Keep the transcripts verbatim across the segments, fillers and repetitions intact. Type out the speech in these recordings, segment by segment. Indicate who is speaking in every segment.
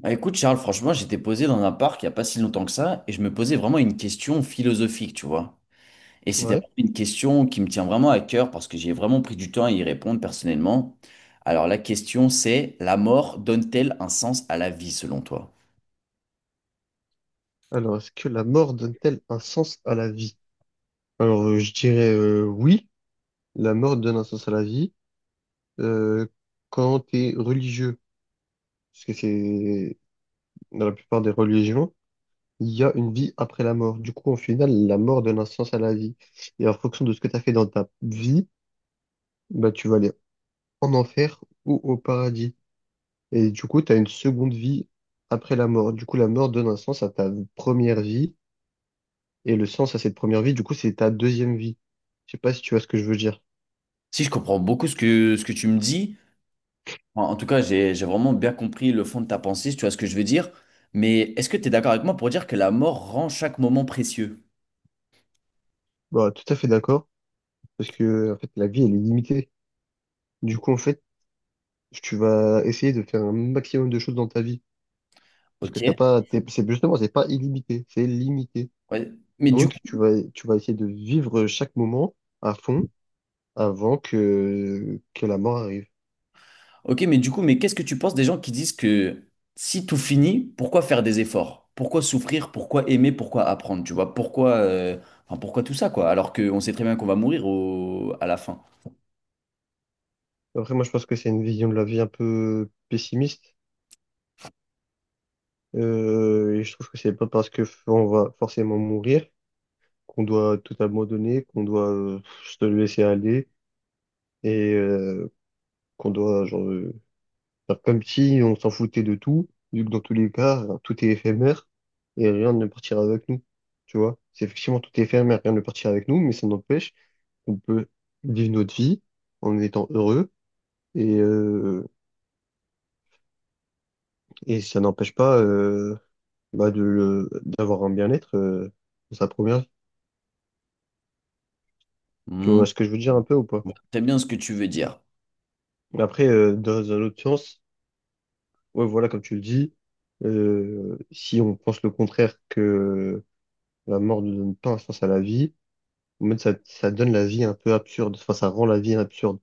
Speaker 1: Bah écoute Charles, franchement, j'étais posé dans un parc il n'y a pas si longtemps que ça et je me posais vraiment une question philosophique, tu vois. Et c'était
Speaker 2: Ouais.
Speaker 1: vraiment une question qui me tient vraiment à cœur parce que j'ai vraiment pris du temps à y répondre personnellement. Alors la question c'est, la mort donne-t-elle un sens à la vie selon toi?
Speaker 2: Alors, est-ce que la mort donne-t-elle un sens à la vie? Alors, euh, je dirais euh, oui, la mort donne un sens à la vie euh, quand tu es religieux, parce que c'est dans la plupart des religions, il y a une vie après la mort. Du coup, au final, la mort donne un sens à la vie. Et en fonction de ce que tu as fait dans ta vie, bah, tu vas aller en enfer ou au paradis. Et du coup, tu as une seconde vie après la mort. Du coup, la mort donne un sens à ta première vie. Et le sens à cette première vie, du coup, c'est ta deuxième vie. Je sais pas si tu vois ce que je veux dire.
Speaker 1: Si je comprends beaucoup ce que, ce que tu me dis, en, en tout cas j'ai, j'ai vraiment bien compris le fond de ta pensée, si tu vois ce que je veux dire, mais est-ce que tu es d'accord avec moi pour dire que la mort rend chaque moment précieux?
Speaker 2: Bah, tout à fait d'accord, parce que en fait, la vie, elle est limitée. Du coup, en fait, tu vas essayer de faire un maximum de choses dans ta vie, parce
Speaker 1: Ok?
Speaker 2: que t'as pas, t'es- c'est justement, c'est pas illimité, c'est limité.
Speaker 1: Ouais. Mais du
Speaker 2: Donc, tu vas, tu vas essayer de vivre chaque moment à fond avant que que la mort arrive.
Speaker 1: Ok, mais du coup, mais qu'est-ce que tu penses des gens qui disent que si tout finit, pourquoi faire des efforts? Pourquoi souffrir? Pourquoi aimer? Pourquoi apprendre? Tu vois, pourquoi, euh, enfin, pourquoi tout ça, quoi? Alors qu'on sait très bien qu'on va mourir au- à la fin.
Speaker 2: Après, moi, je pense que c'est une vision de la vie un peu pessimiste, euh, et je trouve que c'est pas parce que on va forcément mourir qu'on doit tout abandonner, qu'on doit euh, se laisser aller et euh, qu'on doit genre, euh, faire comme si on s'en foutait de tout, vu que dans tous les cas, euh, tout est éphémère et rien ne partira avec nous. Tu vois, c'est effectivement tout est éphémère, rien ne partira avec nous, mais ça n'empêche qu'on peut vivre notre vie en étant heureux et, euh, et ça n'empêche pas euh, bah, de, le- d'avoir un bien-être euh, dans sa première vie. Tu
Speaker 1: Hmm,
Speaker 2: vois ce que je veux dire un peu ou pas?
Speaker 1: je vois très bien ce que tu veux dire.
Speaker 2: Après, euh, dans un autre sens, ouais, voilà, comme tu le dis, euh, si on pense le contraire que la mort ne donne pas un sens à la vie, en fait, ça, ça donne la vie un peu absurde, enfin, ça rend la vie absurde.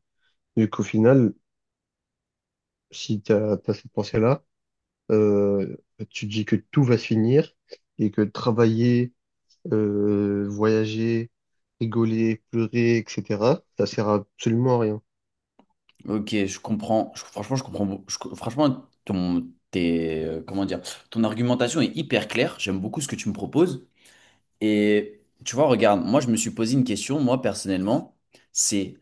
Speaker 2: Vu qu'au final, si t'as, t'as cette pensée-là, euh, tu te dis que tout va se finir et que travailler, euh, voyager, rigoler, pleurer, et cetera, ça sert absolument à rien.
Speaker 1: Ok, je comprends. Je- franchement, je comprends. Beau- je- franchement, ton, tes, euh, comment dire, ton argumentation est hyper claire. J'aime beaucoup ce que tu me proposes. Et tu vois, regarde, moi, je me suis posé une question, moi, personnellement. C'est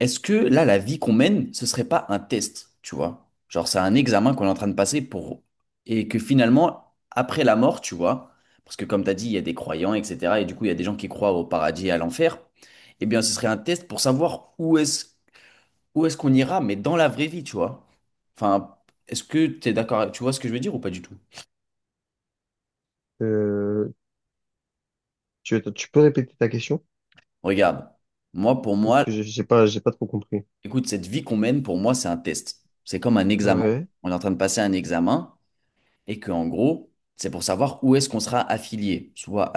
Speaker 1: est-ce que là, la vie qu'on mène, ce serait pas un test, tu vois? Genre, c'est un examen qu'on est en train de passer pour... Et que finalement, après la mort, tu vois, parce que comme tu as dit, il y a des croyants, et cetera. Et du coup, il y a des gens qui croient au paradis et à l'enfer. Eh bien, ce serait un test pour savoir où est-ce où est-ce qu'on ira, mais dans la vraie vie, tu vois? Enfin, est-ce que tu es d'accord? Tu vois ce que je veux dire ou pas du tout?
Speaker 2: Euh, tu, tu peux répéter ta question?
Speaker 1: Regarde, moi, pour
Speaker 2: Parce que
Speaker 1: moi,
Speaker 2: j'ai j'ai pas, j'ai pas trop compris.
Speaker 1: écoute, cette vie qu'on mène, pour moi, c'est un test. C'est comme un examen.
Speaker 2: Ouais.
Speaker 1: On est en train de passer un examen. Et que en gros, c'est pour savoir où est-ce qu'on sera affilié, soit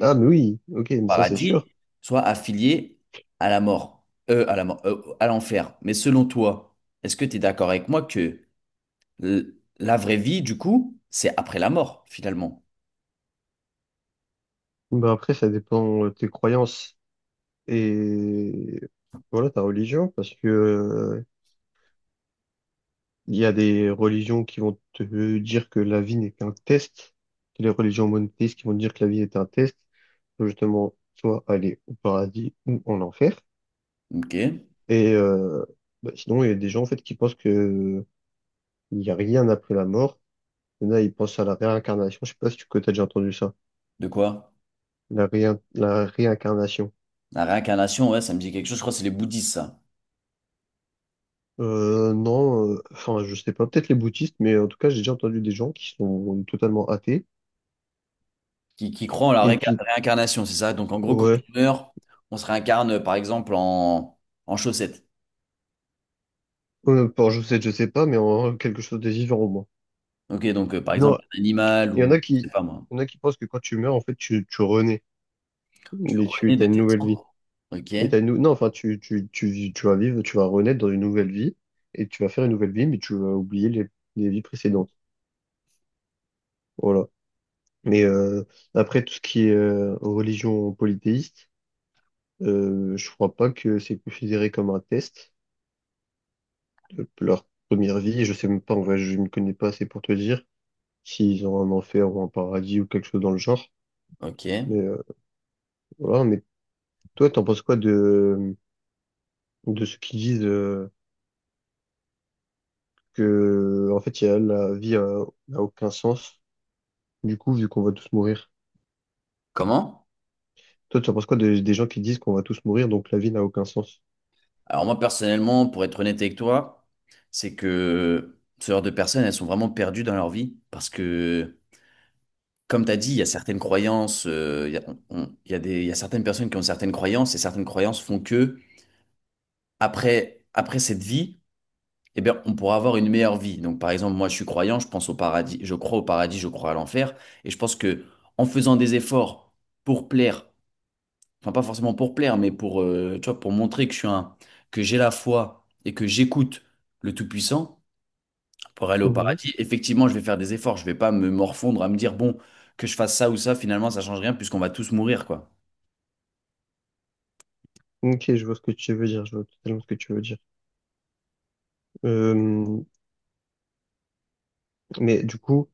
Speaker 2: Ah, mais oui, ok,
Speaker 1: au
Speaker 2: mais ça c'est sûr.
Speaker 1: paradis, soit affilié à la mort, euh, à la mort, euh, à l'enfer. Mais selon toi, est-ce que tu es d'accord avec moi que l- la vraie vie, du coup, c'est après la mort, finalement?
Speaker 2: Bah après, ça dépend de tes croyances et voilà, ta religion, parce que euh, il y a des religions qui vont te dire que la vie n'est qu'un test, que les religions monothéistes qui vont te dire que la vie est un test, pour justement soit aller au paradis ou en enfer.
Speaker 1: Ok.
Speaker 2: Et euh, bah, sinon, il y a des gens en fait qui pensent que il n'y a rien après la mort. Il y en a, ils pensent à la réincarnation. Je sais pas si tu as déjà entendu ça.
Speaker 1: De quoi?
Speaker 2: La, réin- la réincarnation.
Speaker 1: La réincarnation, ouais, ça me dit quelque chose. Je crois que c'est les bouddhistes, ça,
Speaker 2: Euh, non, euh, enfin, je sais pas, peut-être les bouddhistes, mais en tout cas, j'ai déjà entendu des gens qui sont totalement athées
Speaker 1: qui, qui croient en la
Speaker 2: et
Speaker 1: réinca-
Speaker 2: qui,
Speaker 1: réincarnation, c'est ça? Donc, en gros, quand
Speaker 2: ouais,
Speaker 1: on meurt, on se réincarne, par exemple, en, en chaussettes.
Speaker 2: euh, bon, je sais, je sais pas, mais en, quelque chose de vivant au moins.
Speaker 1: Ok, donc, euh, par
Speaker 2: Non,
Speaker 1: exemple, un animal
Speaker 2: il y en
Speaker 1: ou,
Speaker 2: a
Speaker 1: je
Speaker 2: qui,
Speaker 1: sais pas moi.
Speaker 2: il y en a qui pensent que quand tu meurs, en fait, tu, tu renais
Speaker 1: Tu
Speaker 2: et tu
Speaker 1: renais de
Speaker 2: as une
Speaker 1: tes
Speaker 2: nouvelle vie.
Speaker 1: cendres. Ok,
Speaker 2: Et t'as une, nou- non, enfin, tu, tu, tu, vis- tu vas vivre, tu vas renaître dans une nouvelle vie et tu vas faire une nouvelle vie, mais tu vas oublier les, les vies précédentes. Voilà. Mais euh, après, tout ce qui est euh, religion polythéiste, Euh, je crois pas que c'est considéré comme un test de leur première vie. Je sais même pas, en vrai, je ne connais pas assez pour te dire s'ils ont un enfer ou un paradis ou quelque chose dans le genre.
Speaker 1: ok.
Speaker 2: Mais euh, voilà, mais toi, t'en penses quoi de, de ceux qui disent euh, que en fait, il y a, la vie a, n'a aucun sens, du coup, vu qu'on va tous mourir.
Speaker 1: Comment?
Speaker 2: Toi, tu en penses quoi de- des gens qui disent qu'on va tous mourir, donc la vie n'a aucun sens?
Speaker 1: Alors moi personnellement, pour être honnête avec toi, c'est que ce genre de personnes, elles sont vraiment perdues dans leur vie parce que, comme tu as dit, il y a certaines croyances, euh, il y a, on- on- il y a des, il y a certaines personnes qui ont certaines croyances et certaines croyances font que après, après cette vie, eh bien, on pourra avoir une meilleure vie. Donc par exemple, moi je suis croyant, je pense au paradis, je crois au paradis, je crois à l'enfer et je pense que en faisant des efforts pour plaire enfin pas forcément pour plaire, mais pour, euh, tu vois, pour montrer que je suis un, que j'ai la foi et que j'écoute le Tout-Puissant pour aller au
Speaker 2: Mhm.
Speaker 1: paradis, effectivement, je vais faire des efforts. Je vais pas me morfondre à me dire, bon, que je fasse ça ou ça, finalement, ça change rien puisqu'on va tous mourir, quoi.
Speaker 2: Ok, je vois ce que tu veux dire, je vois totalement ce que tu veux dire. Euh, mais du coup,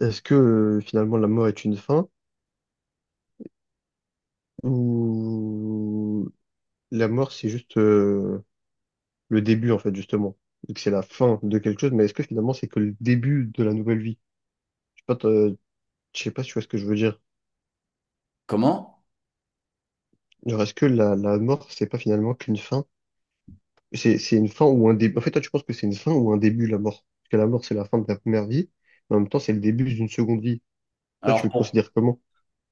Speaker 2: est-ce que euh, finalement la mort est une fin? Ou la mort, c'est juste euh, le début, en fait, justement. Et que c'est la fin de quelque chose, mais est-ce que finalement, c'est que le début de la nouvelle vie? Je sais pas, t'as- je sais pas si tu vois ce que je veux dire.
Speaker 1: Comment?
Speaker 2: Genre, est-ce que la, la mort, c'est pas finalement qu'une fin? C'est, c'est une fin ou un début. En fait, toi, tu penses que c'est une fin ou un début, la mort? Parce que la mort, c'est la fin de la première vie, mais en même temps, c'est le début d'une seconde vie. Toi, tu
Speaker 1: Alors
Speaker 2: le
Speaker 1: pour,
Speaker 2: considères comment?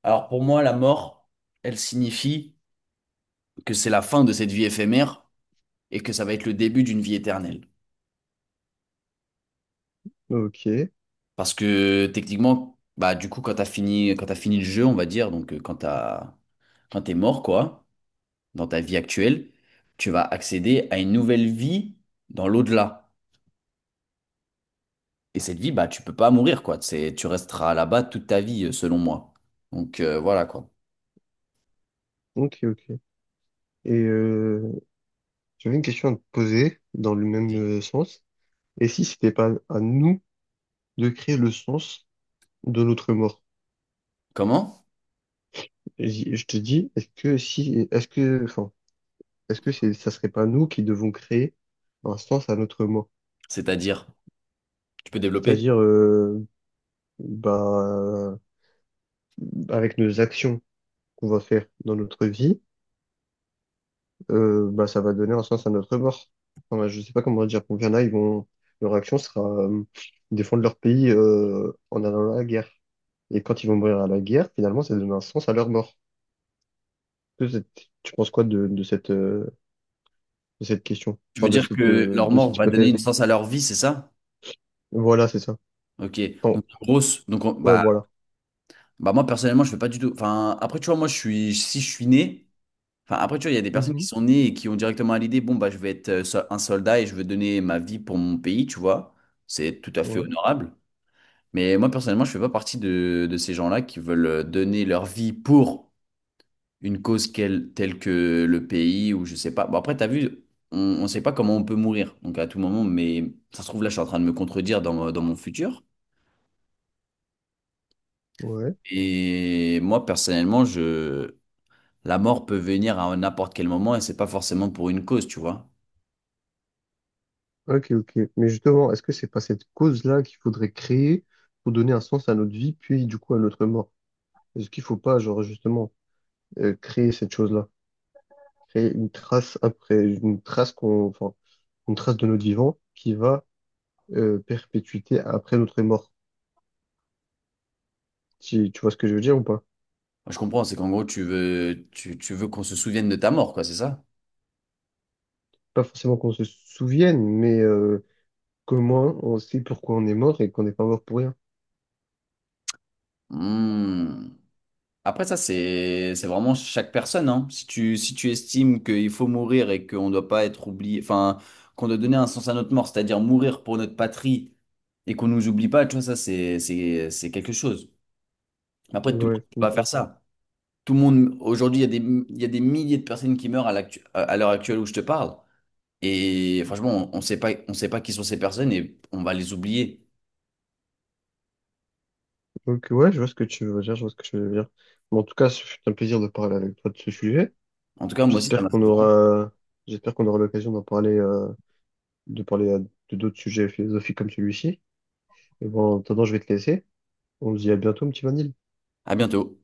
Speaker 1: alors pour moi, la mort, elle signifie que c'est la fin de cette vie éphémère et que ça va être le début d'une vie éternelle.
Speaker 2: Ok,
Speaker 1: Parce que techniquement, bah du coup, quand t'as fini, quand t'as fini le jeu, on va dire, donc euh, quand t'as, quand t'es mort, quoi dans ta vie actuelle, tu vas accéder à une nouvelle vie dans l'au-delà. Et cette vie, bah, tu peux pas mourir, quoi. C'est, tu resteras là-bas toute ta vie, euh, selon moi. Donc euh, voilà, quoi.
Speaker 2: ok, ok. Et euh, j'avais une question à te poser dans le même euh, sens. Et si c'était pas à nous de créer le sens de notre mort.
Speaker 1: Comment?
Speaker 2: Et j- je te dis, est-ce que si, est-ce que, enfin, est-ce que c'est, ça serait pas nous qui devons créer un sens à notre mort?
Speaker 1: C'est-à-dire, tu peux développer?
Speaker 2: C'est-à-dire, euh, bah, avec nos actions qu'on va faire dans notre vie, euh, bah, ça va donner un sens à notre mort. Enfin, je sais pas comment dire. Pour qu'il y en a, ils vont, leur action sera, euh, défendre leur pays, euh, en allant à la guerre. Et quand ils vont mourir à la guerre, finalement, ça donne un sens à leur mort. Tu tu penses quoi de, de cette, euh, de cette question,
Speaker 1: Tu veux
Speaker 2: enfin de
Speaker 1: dire
Speaker 2: cette
Speaker 1: que
Speaker 2: de,
Speaker 1: leur
Speaker 2: de cette
Speaker 1: mort va donner
Speaker 2: hypothèse.
Speaker 1: une sens à leur vie, c'est ça?
Speaker 2: Voilà, c'est ça.
Speaker 1: Ok.
Speaker 2: Enfin,
Speaker 1: Donc grosse. Donc on-
Speaker 2: ouais,
Speaker 1: bah,
Speaker 2: voilà.
Speaker 1: bah moi personnellement, je fais pas du tout. Enfin, après, tu vois, moi, je suis, si je suis né. Enfin, après, tu vois, il y a des personnes qui
Speaker 2: Mhm.
Speaker 1: sont nées et qui ont directement à l'idée, bon, bah, je vais être euh, so- un soldat et je veux donner ma vie pour mon pays, tu vois. C'est tout à fait
Speaker 2: Ouais,
Speaker 1: honorable. Mais moi, personnellement, je fais pas partie de, de ces gens-là qui veulent euh, donner leur vie pour une cause quelle- telle que le pays ou je sais pas. Bon, après, t'as vu, on ne sait pas comment on peut mourir, donc à tout moment, mais ça se trouve, là, je suis en train de me contredire dans, mon- dans mon futur.
Speaker 2: ouais.
Speaker 1: Et moi, personnellement, je... la mort peut venir à n'importe quel moment et c'est pas forcément pour une cause, tu vois.
Speaker 2: Ok, ok. Mais justement, est-ce que c'est pas cette cause-là qu'il faudrait créer pour donner un sens à notre vie, puis du coup à notre mort? Est-ce qu'il faut pas, genre justement, euh, créer cette chose-là, créer une trace après, une trace qu'on, enfin, une trace de notre vivant qui va euh, perpétuité après notre mort. Tu, tu vois ce que je veux dire ou pas?
Speaker 1: Moi, je comprends, c'est qu'en gros, tu veux, tu, tu veux qu'on se souvienne de ta mort, quoi, c'est ça?
Speaker 2: Pas forcément qu'on se souvienne, mais euh, comment on sait pourquoi on est mort et qu'on n'est pas mort pour rien.
Speaker 1: Hmm. Après ça, c'est c'est vraiment chaque personne, hein. Si tu, si tu estimes qu'il faut mourir et qu'on ne doit pas être oublié, enfin, qu'on doit donner un sens à notre mort, c'est-à-dire mourir pour notre patrie et qu'on nous oublie pas, tu vois, ça, c'est c'est- c'est quelque chose. Mais après, tout le
Speaker 2: Ouais,
Speaker 1: monde
Speaker 2: je
Speaker 1: ne peut pas faire
Speaker 2: comprends.
Speaker 1: ça. Tout le monde, aujourd'hui, il y a des, il y a des milliers de personnes qui meurent à l'actu- à- à l'heure actuelle où je te parle. Et franchement, on ne sait pas, on sait pas qui sont ces personnes et on va les oublier.
Speaker 2: Donc, ouais, je vois ce que tu veux dire, je vois ce que tu veux dire. Bon, en tout cas, ce fut un plaisir de parler avec toi de ce sujet.
Speaker 1: En tout cas, moi aussi, ça
Speaker 2: J'espère
Speaker 1: m'a
Speaker 2: qu'on
Speaker 1: fait vraiment.
Speaker 2: aura, j'espère qu'on aura l'occasion d'en parler, euh, de parler euh, de d'autres sujets philosophiques comme celui-ci. Et bon, en attendant, je vais te laisser. On se dit à bientôt, mon petit Vanille.
Speaker 1: À bientôt.